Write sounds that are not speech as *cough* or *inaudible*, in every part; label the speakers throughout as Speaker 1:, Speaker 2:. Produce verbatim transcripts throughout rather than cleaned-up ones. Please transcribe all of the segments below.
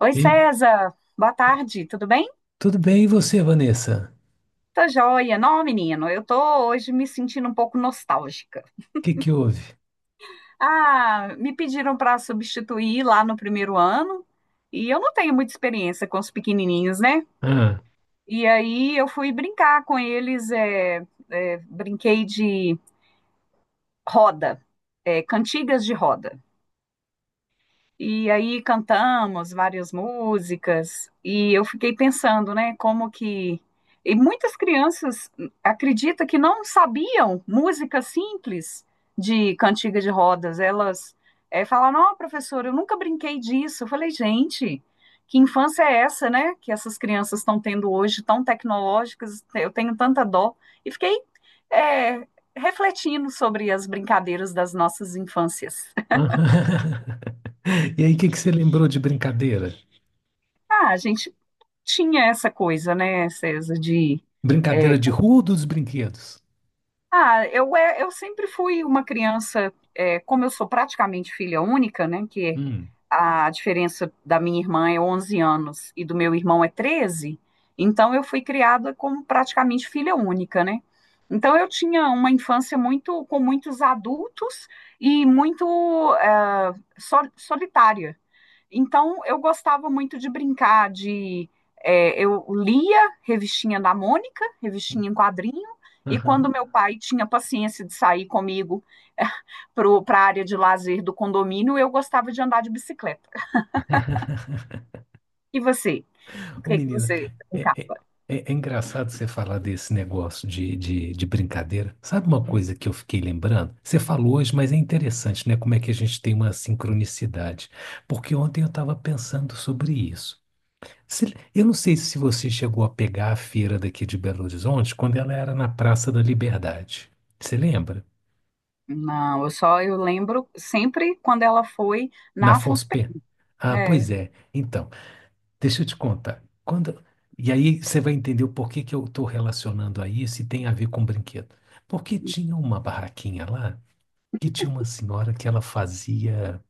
Speaker 1: Oi,
Speaker 2: E
Speaker 1: César. Boa tarde, tudo bem?
Speaker 2: tudo bem, e você, Vanessa?
Speaker 1: Tô joia. Não, menino, eu tô hoje me sentindo um pouco nostálgica.
Speaker 2: O que que houve?
Speaker 1: Ah, me pediram para substituir lá no primeiro ano e eu não tenho muita experiência com os pequenininhos, né?
Speaker 2: Ah,
Speaker 1: E aí eu fui brincar com eles, é, é, brinquei de roda, é, cantigas de roda. E aí cantamos várias músicas e eu fiquei pensando, né, como que e muitas crianças acreditam que não sabiam música simples de cantiga de rodas. Elas eh, falaram: "Ó, professora, eu nunca brinquei disso". Eu falei: "Gente, que infância é essa, né, que essas crianças estão tendo hoje, tão tecnológicas? Eu tenho tanta dó". E fiquei eh, refletindo sobre as brincadeiras das nossas infâncias. *laughs*
Speaker 2: ah. *laughs* E aí, o que que você lembrou de brincadeira?
Speaker 1: Ah, a gente tinha essa coisa, né, César, de. é,
Speaker 2: Brincadeira de rua ou dos brinquedos?
Speaker 1: ah, eu, é, eu sempre fui uma criança, é, como eu sou praticamente filha única, né, que
Speaker 2: Hum,
Speaker 1: a diferença da minha irmã é onze anos e do meu irmão é treze, então eu fui criada como praticamente filha única, né? Então eu tinha uma infância muito com muitos adultos e muito ah, sol- solitária. Então, eu gostava muito de brincar de. é, eu lia revistinha da Mônica, revistinha em quadrinho, e
Speaker 2: aham.
Speaker 1: quando meu pai tinha paciência de sair comigo *laughs* para a área de lazer do condomínio, eu gostava de andar de bicicleta.
Speaker 2: *laughs*
Speaker 1: E você? O
Speaker 2: Ô,
Speaker 1: que que
Speaker 2: menina,
Speaker 1: você
Speaker 2: é, é-
Speaker 1: brincava?
Speaker 2: é- é engraçado você falar desse negócio de, de, de brincadeira. Sabe uma coisa que eu fiquei lembrando? Você falou hoje, mas é interessante, né? Como é que a gente tem uma sincronicidade. Porque ontem eu estava pensando sobre isso. Se- Eu não sei se você chegou a pegar a feira daqui de Belo Horizonte quando ela era na Praça da Liberdade. Você lembra?
Speaker 1: Não, eu só eu lembro sempre quando ela foi
Speaker 2: Na
Speaker 1: na Afonso
Speaker 2: F O S P?
Speaker 1: Pena.
Speaker 2: Ah,
Speaker 1: É,
Speaker 2: pois é. Então, deixa eu te contar. Quando... E aí você vai entender o porquê que eu estou relacionando a isso e tem a ver com brinquedo. Porque tinha uma barraquinha lá que tinha uma senhora que ela fazia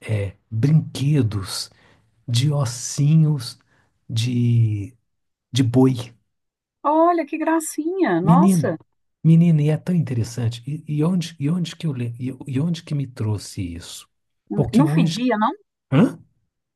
Speaker 2: é, brinquedos de ossinhos de, de boi.
Speaker 1: olha que gracinha,
Speaker 2: Menino,
Speaker 1: nossa.
Speaker 2: menino, e é tão interessante. E, e onde, e onde que eu, le- e, e onde que me trouxe isso? Porque
Speaker 1: Não
Speaker 2: hoje,
Speaker 1: fedia, não?
Speaker 2: hã?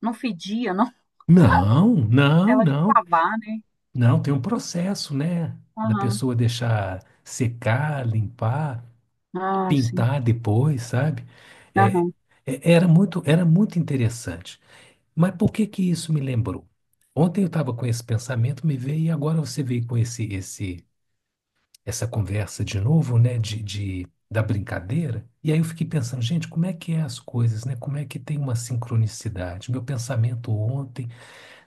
Speaker 1: Não fedia, não?
Speaker 2: Não, não,
Speaker 1: Ela de
Speaker 2: não,
Speaker 1: lavar, né?
Speaker 2: não. Tem um processo, né? Da
Speaker 1: Aham.
Speaker 2: pessoa deixar secar, limpar,
Speaker 1: Ah, sim.
Speaker 2: pintar depois, sabe? É,
Speaker 1: Aham,
Speaker 2: é- era muito, era muito interessante. Mas por que que isso me lembrou? Ontem eu estava com esse pensamento, me veio e agora você veio com esse, esse essa conversa de novo, né, de, de- da brincadeira. E aí eu fiquei pensando, gente, como é que é as coisas, né? Como é que tem uma sincronicidade? Meu pensamento ontem,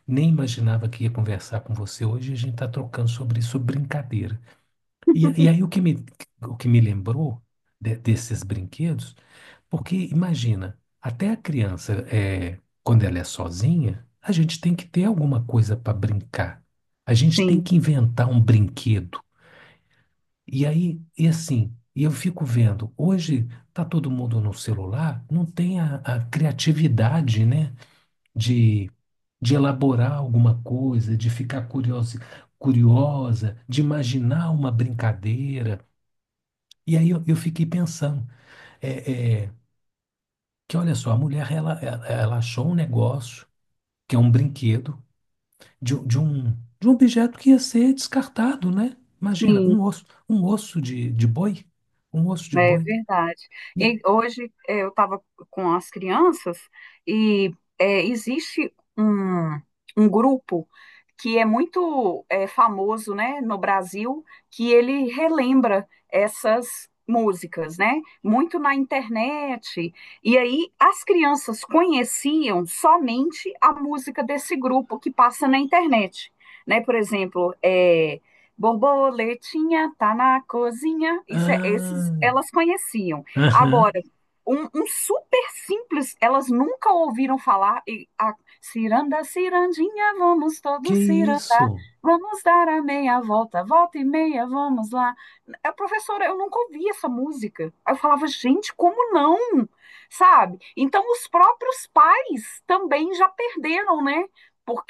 Speaker 2: nem imaginava que ia conversar com você hoje, e a gente está trocando sobre isso, sobre brincadeira. E, e aí o que me, o que me lembrou de- desses brinquedos, porque imagina, até a criança, é, quando ela é sozinha, a gente tem que ter alguma coisa para brincar. A gente tem
Speaker 1: sim,
Speaker 2: que inventar um brinquedo e aí, e assim, e eu fico vendo, hoje tá todo mundo no celular, não tem a, a criatividade, né, de, de elaborar alguma coisa, de ficar curiosa, curiosa, de imaginar uma brincadeira. E aí eu, eu fiquei pensando, é, é, que olha só, a mulher, ela, ela ela achou um negócio, que é um brinquedo, de, um- de um, de um objeto que ia ser descartado, né? Imagina,
Speaker 1: sim,
Speaker 2: um osso, um osso de, de boi, um osso de
Speaker 1: é
Speaker 2: boi.
Speaker 1: verdade.
Speaker 2: E,
Speaker 1: E hoje eh, eu estava com as crianças e eh, existe um, um grupo que é muito eh, famoso, né, no Brasil, que ele relembra essas músicas, né, muito na internet. E aí as crianças conheciam somente a música desse grupo que passa na internet. Né, por exemplo, eh, Borboletinha tá na cozinha. Isso é, esses
Speaker 2: ah,
Speaker 1: elas conheciam.
Speaker 2: aham.
Speaker 1: Agora, um, um super simples, elas nunca ouviram falar. E a ciranda, cirandinha, vamos
Speaker 2: Que
Speaker 1: todos cirandar.
Speaker 2: isso?
Speaker 1: Vamos dar a meia volta, volta e meia, vamos lá. A professora, eu nunca ouvi essa música. Aí eu falava, gente, como não? Sabe? Então, os próprios pais também já perderam, né?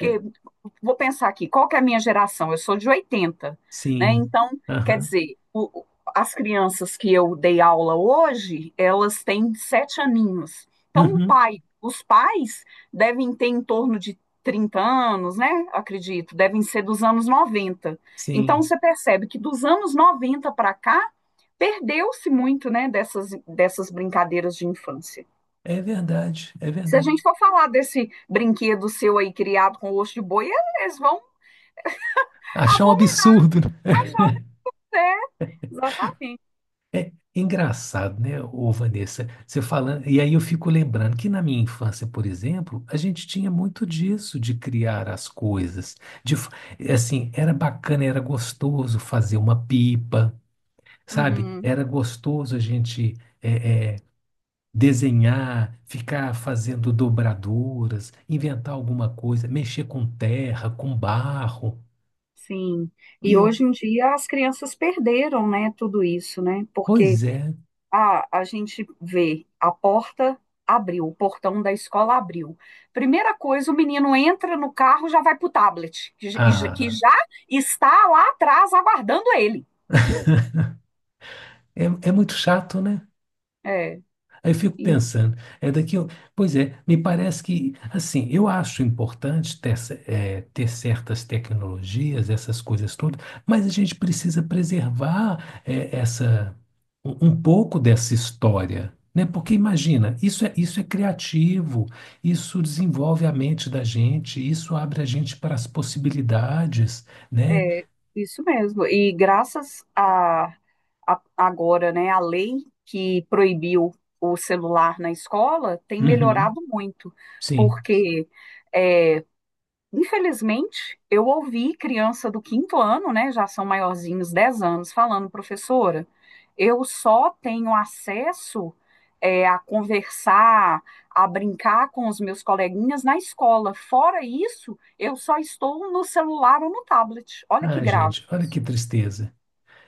Speaker 2: É,
Speaker 1: vou pensar aqui, qual que é a minha geração? Eu sou de oitenta, né?
Speaker 2: sim.
Speaker 1: Então, quer
Speaker 2: Aham.
Speaker 1: dizer, o- o- as crianças que eu dei aula hoje, elas têm sete aninhos. Então, o
Speaker 2: Uhum.
Speaker 1: pai, os pais devem ter em torno de trinta anos, né? Acredito, devem ser dos anos noventa. Então,
Speaker 2: Sim.
Speaker 1: você percebe que dos anos noventa para cá, perdeu-se muito, né, dessas, dessas brincadeiras de infância.
Speaker 2: É verdade, é
Speaker 1: Se a
Speaker 2: verdade.
Speaker 1: gente for falar desse brinquedo seu aí criado com osso de boi, eles vão
Speaker 2: Achar um
Speaker 1: abominar
Speaker 2: absurdo, né?
Speaker 1: A jovens, é, exatamente.
Speaker 2: Engraçado, né, ô Vanessa? Você falando, e aí eu fico lembrando que na minha infância, por exemplo, a gente tinha muito disso de criar as coisas. De, fa- é assim, era bacana, era gostoso fazer uma pipa, sabe?
Speaker 1: Uhum,
Speaker 2: Era gostoso a gente é, é, desenhar, ficar fazendo dobraduras, inventar alguma coisa, mexer com terra, com barro.
Speaker 1: sim.
Speaker 2: E
Speaker 1: E
Speaker 2: eu,
Speaker 1: hoje em dia as crianças perderam, né, tudo isso, né? Porque
Speaker 2: pois é,
Speaker 1: a, a gente vê a porta abriu, o portão da escola abriu. Primeira coisa, o menino entra no carro, já vai pro tablet, que, j- que
Speaker 2: ah,
Speaker 1: já está lá atrás aguardando ele.
Speaker 2: é, é muito chato, né?
Speaker 1: É.
Speaker 2: Aí eu fico pensando, é daqui, eu- pois é, me parece que, assim, eu acho importante ter, ce- eh, ter certas tecnologias, essas coisas todas, mas a gente precisa preservar, eh, essa, um um pouco dessa história, né? Porque imagina, isso é, isso é criativo, isso desenvolve a mente da gente, isso abre a gente para as possibilidades, né?
Speaker 1: É, isso mesmo. E graças a, a- agora, né, a lei que proibiu o celular na escola tem
Speaker 2: Uhum,
Speaker 1: melhorado muito,
Speaker 2: sim.
Speaker 1: porque é, infelizmente, eu ouvi criança do quinto ano, né, já são maiorzinhos, dez anos, falando, professora, eu só tenho acesso é, a conversar, a brincar com os meus coleguinhas na escola. Fora isso, eu só estou no celular ou no tablet. Olha que
Speaker 2: Ah,
Speaker 1: grave.
Speaker 2: gente, olha que tristeza.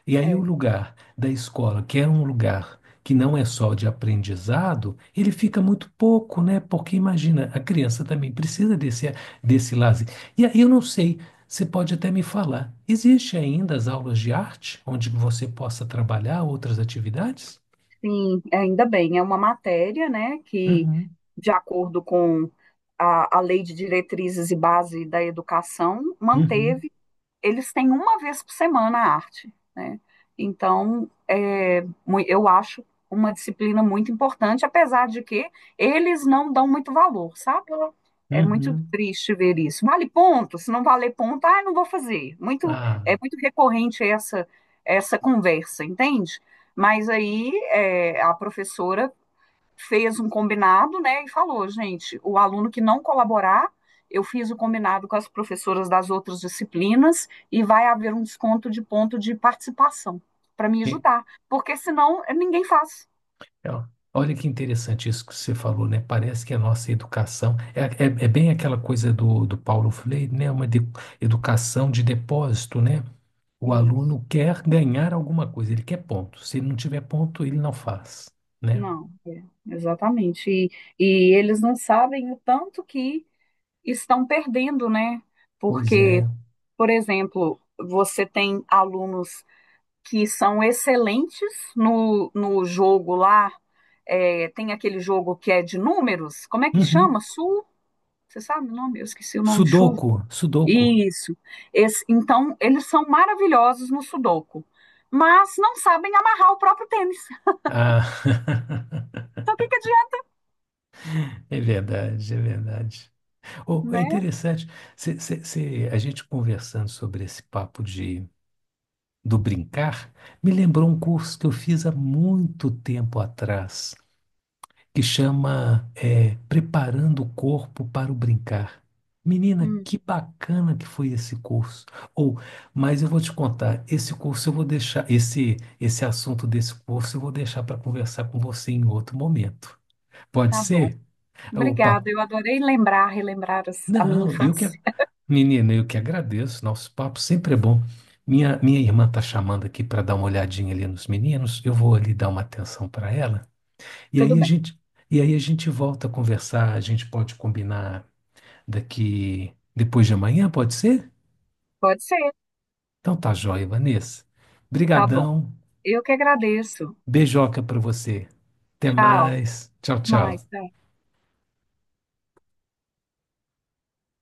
Speaker 2: E aí o
Speaker 1: É,
Speaker 2: lugar da escola, que era um lugar que não é só de aprendizado, ele fica muito pouco, né? Porque imagina, a criança também precisa desse, desse lazer. E aí eu não sei, você pode até me falar, existe ainda as aulas de arte, onde você possa trabalhar outras atividades?
Speaker 1: sim, ainda bem, é uma matéria, né, que,
Speaker 2: Uhum,
Speaker 1: de acordo com a, a Lei de Diretrizes e Base da Educação,
Speaker 2: uhum,
Speaker 1: manteve eles têm uma vez por semana a arte, né? Então, é, eu acho uma disciplina muito importante, apesar de que eles não dão muito valor, sabe? É muito
Speaker 2: uhum.
Speaker 1: triste ver isso. Vale ponto? Se não valer ponto, ah, não vou fazer. Muito,
Speaker 2: Ah,
Speaker 1: é muito recorrente essa, essa conversa, entende? Mas aí é, a professora fez um combinado, né, e falou, gente, o aluno que não colaborar, eu fiz o combinado com as professoras das outras disciplinas e vai haver um desconto de ponto de participação para me ajudar, porque senão eh, ninguém faz.
Speaker 2: é, ó. Olha que interessante isso que você falou, né? Parece que a nossa educação é, é, é bem aquela coisa do, do Paulo Freire, né? Uma de- educação de depósito, né? O
Speaker 1: Isso.
Speaker 2: aluno quer ganhar alguma coisa, ele quer ponto. Se ele não tiver ponto, ele não faz, né?
Speaker 1: Não, é, exatamente. E, e eles não sabem o tanto que estão perdendo, né?
Speaker 2: Pois
Speaker 1: Porque,
Speaker 2: é.
Speaker 1: por exemplo, você tem alunos que são excelentes no, no jogo lá. É, tem aquele jogo que é de números, como é que
Speaker 2: Uhum.
Speaker 1: chama? Sul? Você sabe o nome? Eu esqueci o nome, chuva.
Speaker 2: Sudoku, Sudoku.
Speaker 1: Isso. Esse- então, eles são maravilhosos no Sudoku, mas não sabem amarrar o próprio tênis. *laughs*
Speaker 2: Ah, *laughs*
Speaker 1: Então, o que que adianta,
Speaker 2: é verdade, é verdade. Oh, é
Speaker 1: né?
Speaker 2: interessante. Cê- cê- cê- a gente conversando sobre esse papo de do brincar me lembrou um curso que eu fiz há muito tempo atrás, que chama é, Preparando o Corpo para o Brincar. Menina,
Speaker 1: Hum,
Speaker 2: que bacana que foi esse curso. Ou, mas eu vou te contar, esse curso eu vou deixar, esse esse assunto desse curso eu vou deixar para conversar com você em outro momento. Pode
Speaker 1: tá bom.
Speaker 2: ser? O
Speaker 1: Obrigada.
Speaker 2: papo.
Speaker 1: Eu adorei lembrar, relembrar as- a minha
Speaker 2: Não, eu que. a-
Speaker 1: infância.
Speaker 2: Menina, eu que agradeço. Nosso papo sempre é bom. Minha, minha irmã tá chamando aqui para dar uma olhadinha ali nos meninos. Eu vou ali dar uma atenção para ela. E
Speaker 1: Tudo
Speaker 2: aí a
Speaker 1: bem.
Speaker 2: gente, e aí a gente volta a conversar. A gente pode combinar daqui depois de amanhã, pode ser?
Speaker 1: Pode ser.
Speaker 2: Então tá joia, Vanessa.
Speaker 1: Tá bom.
Speaker 2: Brigadão.
Speaker 1: Eu que agradeço.
Speaker 2: Beijoca para você. Até
Speaker 1: Tchau.
Speaker 2: mais. Tchau,
Speaker 1: Até mais.
Speaker 2: tchau.
Speaker 1: Tchau.